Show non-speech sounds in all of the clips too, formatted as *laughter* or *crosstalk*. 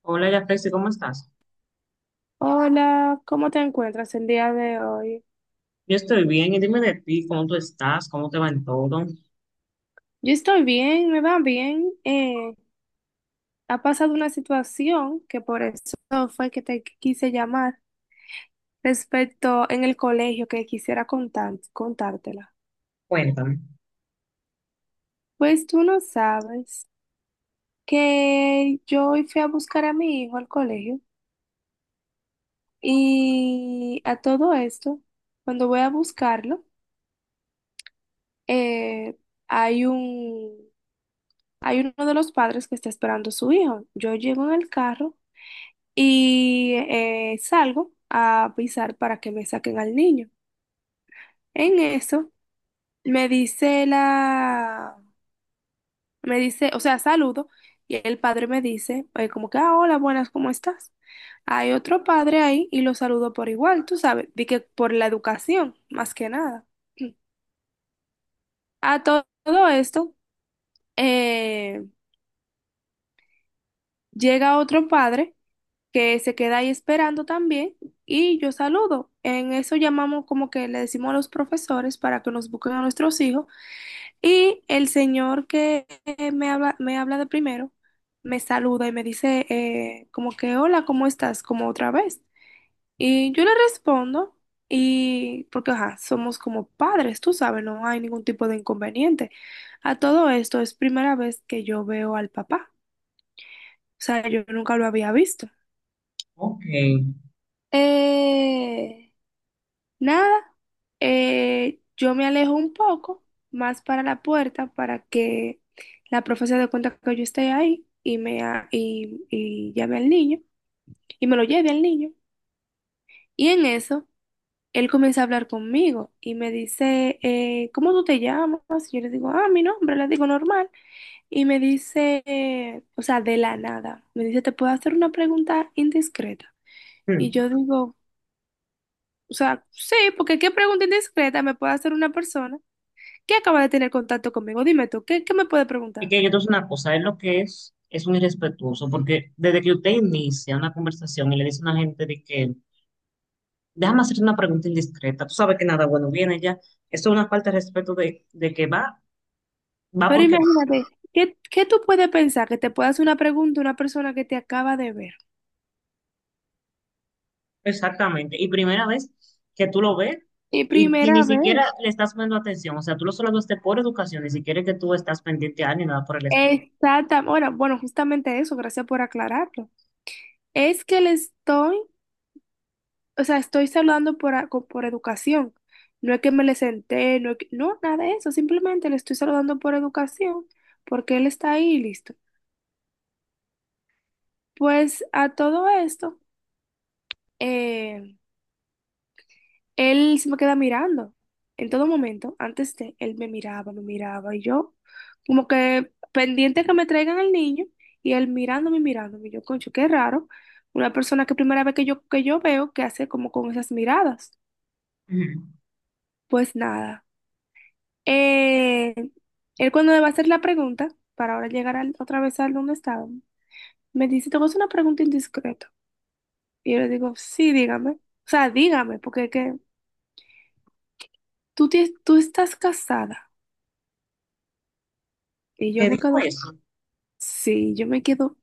Hola, Yafesi, ¿cómo estás? Hola, ¿cómo te encuentras el día de hoy? Yo estoy bien, y dime de ti, ¿cómo tú estás? ¿Cómo te va en todo? Yo estoy bien, me va bien. Ha pasado una situación que por eso fue que te quise llamar respecto en el colegio que quisiera contártela. Cuéntame. Pues tú no sabes que yo hoy fui a buscar a mi hijo al colegio y a todo esto, cuando voy a buscarlo, eh, hay un, hay uno de los padres que está esperando a su hijo. Yo llego en el carro y salgo a pisar para que me saquen al niño. En eso me dice la, me dice, o sea, saludo y el padre me dice, como que, ah, hola, buenas, ¿cómo estás? Hay otro padre ahí y lo saludo por igual, tú sabes, di que por la educación, más que nada. *clears throat* Todo esto, eh, llega otro padre que se queda ahí esperando también y yo saludo. En eso llamamos como que le decimos a los profesores para que nos busquen a nuestros hijos y el señor que me habla de primero, me saluda y me dice, como que hola, ¿cómo estás? Como otra vez. Y yo le respondo y porque ajá, somos como padres, tú sabes, no hay ningún tipo de inconveniente. A todo esto es primera vez que yo veo al papá, o sea, yo nunca lo había visto. Ok. Eh, Nada, yo me alejo un poco más para la puerta para que la profe se dé cuenta que yo estoy ahí y, y llame al niño y me lo lleve al niño. Y en eso, él comienza a hablar conmigo y me dice, ¿cómo tú te llamas? Y yo le digo, ah, mi nombre, le digo normal. Y me dice, o sea, de la nada, me dice, ¿te puedo hacer una pregunta indiscreta? Hmm. Y yo digo, o sea, sí, porque qué pregunta indiscreta me puede hacer una persona que acaba de tener contacto conmigo. Dime tú, ¿qué me puede Y preguntar? que yo te voy a decir una cosa, es lo que es un irrespetuoso, porque desde que usted inicia una conversación y le dice a una gente de que, déjame hacer una pregunta indiscreta, tú sabes que nada bueno viene ya, esto es una falta de respeto de que va, va Pero porque va. imagínate, ¿qué tú puedes pensar que te pueda hacer una pregunta una persona que te acaba de ver? Exactamente. Y primera vez que tú lo ves Y y primera ni vez. siquiera le estás poniendo atención, o sea, tú lo solo lo haces por educación, ni siquiera es que tú estás pendiente a él ni nada por el estilo. Exactamente. Bueno, bueno, justamente eso, gracias por aclararlo. Es que le estoy, o sea, estoy saludando por, por educación. No es que me le senté, no, no, nada de eso, simplemente le estoy saludando por educación, porque él está ahí y listo. Pues a todo esto, eh, él se me queda mirando en todo momento. Antes de él me miraba y yo como que pendiente a que me traigan al niño y él mirándome, mirándome. Y yo, concho, qué raro. Una persona que primera vez que que yo veo que hace como con esas miradas. Ujú. Pues nada. Eh, él cuando me va a hacer la pregunta, para ahora llegar otra vez al donde estaba, me dice, te voy a hacer una pregunta indiscreta. Y yo le digo, sí, dígame. O sea, dígame, porque es que tú estás casada. Y yo ¿Qué me dijo quedo. eso? Sí, yo me quedo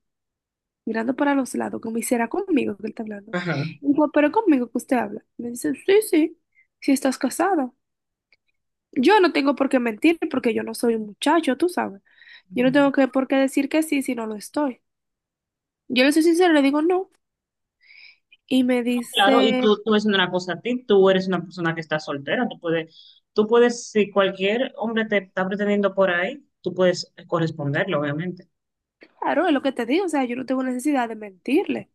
mirando para los lados, como hiciera conmigo que él está hablando. Ajá. Y digo, pero conmigo que usted habla. Me dice, sí, si estás casada. Yo no tengo por qué mentir porque yo no soy un muchacho, tú sabes. Yo no tengo Ujú. Por qué decir que sí si no lo estoy. Yo le soy sincera, le digo no. Y me Claro, y dice, tú es una cosa a ti, tú eres una persona que está soltera, tú puedes, si cualquier hombre te está pretendiendo por ahí, tú puedes corresponderlo, obviamente. claro, es lo que te digo, o sea, yo no tengo necesidad de mentirle.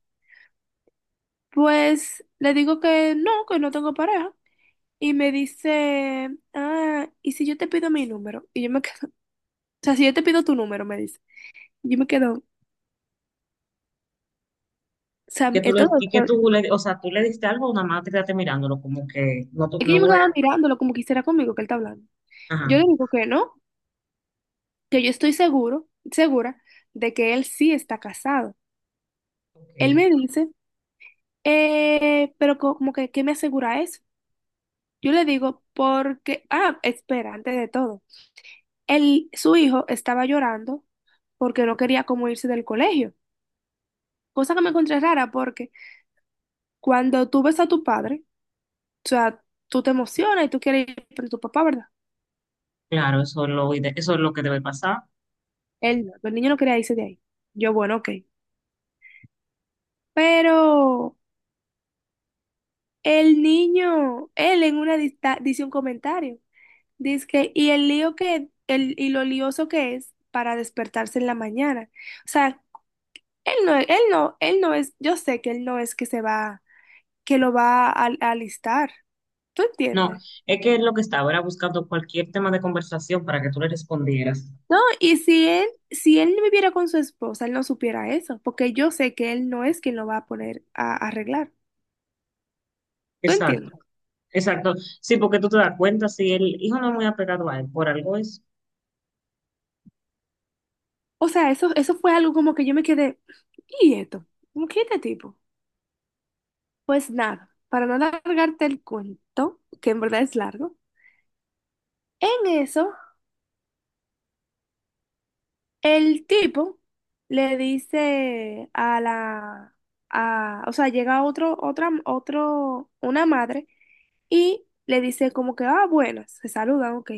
Pues le digo que no tengo pareja. Y me dice, ah, ¿y si yo te pido mi número? Y yo me quedo, *laughs* o sea, si yo te pido tu número, me dice. Yo me quedo, o Y sea, que tú en le, todo y que tú le, o sea, tú le diste algo, nada más te quedaste mirándolo, como que no, tú- es que no yo me voy quedaba a, mirándolo como quisiera conmigo que él está hablando. ajá, Yo le digo que no, que yo estoy segura de que él sí está casado. Él ok, me dice, pero como que, ¿qué me asegura eso? Yo le digo, porque, ah, espera, antes de todo, su hijo estaba llorando porque no quería como irse del colegio, cosa que me encontré rara porque cuando tú ves a tu padre, o sea, tú te emocionas y tú quieres ir con tu papá, ¿verdad? claro, eso es lo, ide- eso es lo que debe pasar. Él no, el niño no quería irse de ahí. Yo, bueno, ok. Pero el niño, él en una dice un comentario. Dice y lo lioso que es para despertarse en la mañana. O sea, él no es, yo sé que él no es que se va, que lo va a alistar. ¿Tú No, entiendes? es que lo que estaba era buscando cualquier tema de conversación para que tú le respondieras. No, y si él, si él no viviera con su esposa, él no supiera eso, porque yo sé que él no es quien lo va a poner a arreglar. ¿Tú Exacto. entiendes? Exacto. Sí, porque tú te das cuenta, si el hijo no es muy apegado a él, por algo es O sea, eso fue algo como que yo me quedé, ¿y esto? ¿Cómo que este tipo? Pues nada, para no alargarte el cuento, que en verdad es largo, en eso el tipo le dice o sea, llega otro, una madre y le dice como que, ah, bueno, se saludan, ok.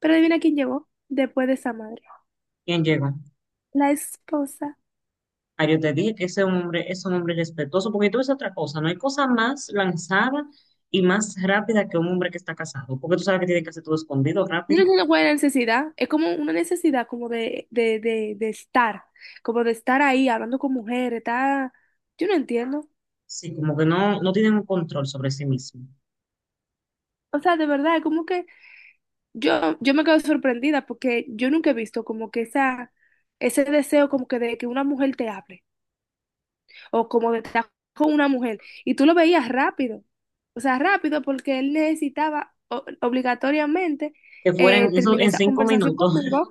Pero adivina quién llegó después de esa madre, quien llegó. la esposa. Ah, yo te dije que ese hombre es un hombre respetuoso, porque tú es otra cosa, no hay cosa más lanzada y más rápida que un hombre que está casado, porque tú sabes que tiene que hacer todo escondido, Yo no rápido. entiendo cuál es una buena necesidad, es como una necesidad como de estar, como de estar ahí hablando con mujeres, está, yo no entiendo. Sí, como que no, no tienen un control sobre sí mismo. O sea, de verdad, es como que yo me quedo sorprendida porque yo nunca he visto como que ese deseo como que de que una mujer te hable, o como de estar con una mujer, y tú lo veías rápido, o sea, rápido porque él necesitaba obligatoriamente Que fueran, eso terminar en esa cinco conversación minutos *laughs* conmigo.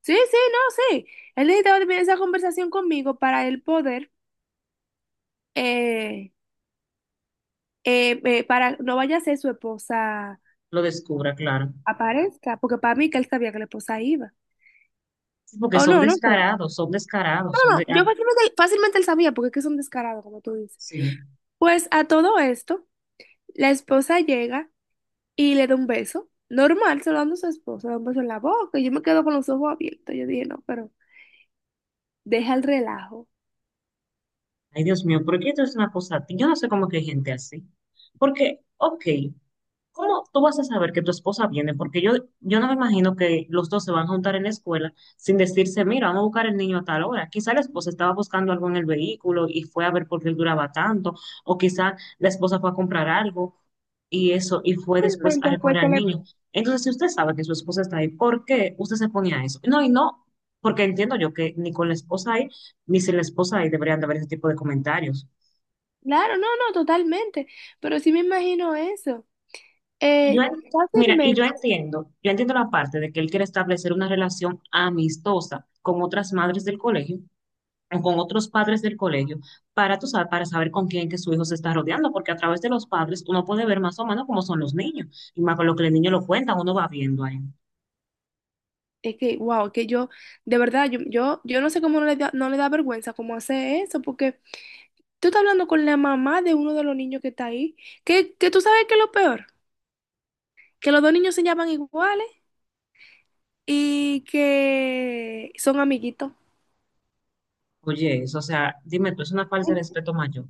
Sí, sí, no, sí. Él necesitaba tener esa conversación conmigo para él poder, eh, para no vaya a ser su esposa lo descubra, claro. aparezca, porque para mí que él sabía que la esposa iba. Sí, porque O son no, no creo. descarados, son No, descarados, son de... no, yo ah, fácilmente, fácilmente él sabía, porque es que es un descarado, como tú dices. sí. Pues a todo esto, la esposa llega y le da un beso. Normal, se lo dando a su esposa, le da un beso en la boca. Y yo me quedo con los ojos abiertos. Yo dije, no, pero deja el relajo. Ay, Dios mío, ¿por qué esto es una cosa? Yo no sé cómo que hay gente así. Porque, ok. ¿Cómo tú vas a saber que tu esposa viene? Porque yo no me imagino que los dos se van a juntar en la escuela sin decirse, mira, vamos a buscar el niño a tal hora. Quizá la esposa estaba buscando algo en el vehículo y fue a ver por qué él duraba tanto, o quizá la esposa fue a comprar algo y eso, y fue después a Realmente fue recoger que al le... niño. Entonces, si usted sabe que su esposa está ahí, ¿por qué usted se pone a eso? No, y no, porque entiendo yo que ni con la esposa ahí, ni sin la esposa ahí deberían de haber ese tipo de comentarios. Claro, no, no, totalmente. Pero sí me imagino eso. Y yo, Eh, en- mira, y fácilmente, yo entiendo la parte de que él quiere establecer una relación amistosa con otras madres del colegio o con otros padres del colegio para, tú sabes, para saber con quién que su hijo se está rodeando, porque a través de los padres uno puede ver más o menos cómo son los niños y más con lo que el niño lo cuenta, uno va viendo ahí. es que, wow, que de verdad, yo no sé cómo no le da, no le da vergüenza cómo hacer eso, porque tú estás hablando con la mamá de uno de los niños que está ahí, que tú sabes que es lo peor, que los dos niños se llaman iguales y que son amiguitos. Oye, eso, o sea, dime tú, es una falta de respeto mayor.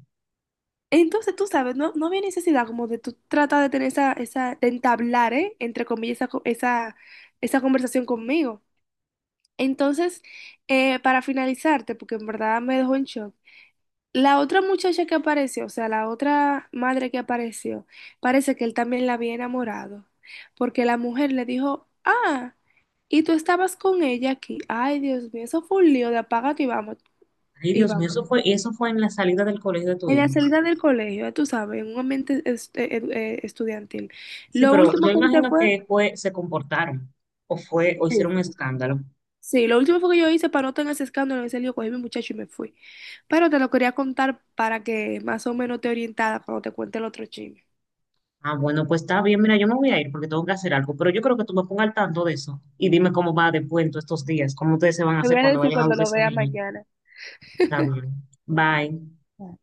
Entonces, tú sabes, no, no había necesidad como de tú tratar de tener de entablar, ¿eh? Entre comillas, esa conversación conmigo. Entonces, para finalizarte, porque en verdad me dejó en shock, la otra muchacha que apareció, o sea, la otra madre que apareció, parece que él también la había enamorado, porque la mujer le dijo, ah, y tú estabas con ella aquí. Ay, Dios mío, eso fue un lío de apágate y vamos, Ay, y Dios mío, vamos. eso fue, y eso fue en la salida del colegio de tu En la hijo. salida del colegio, tú sabes, en un ambiente estudiantil. Sí, Lo pero último yo que hice imagino fue... que fue, se comportaron o fue, o Sí. hicieron un escándalo. Sí, lo último fue que yo hice para no tener ese escándalo, en ese lío, cogí a mi muchacho y me fui. Pero te lo quería contar para que más o menos te orientara cuando te cuente el otro chisme. Ah, bueno, pues está bien. Mira, yo me voy a ir porque tengo que hacer algo, pero yo creo que tú me pongas al tanto de eso y dime cómo va después en todos estos días, cómo ustedes se van a Te voy hacer a cuando decir vayan a cuando buscar a lo esos vea niños. mañana. Está bien. Dije, Bye. ah.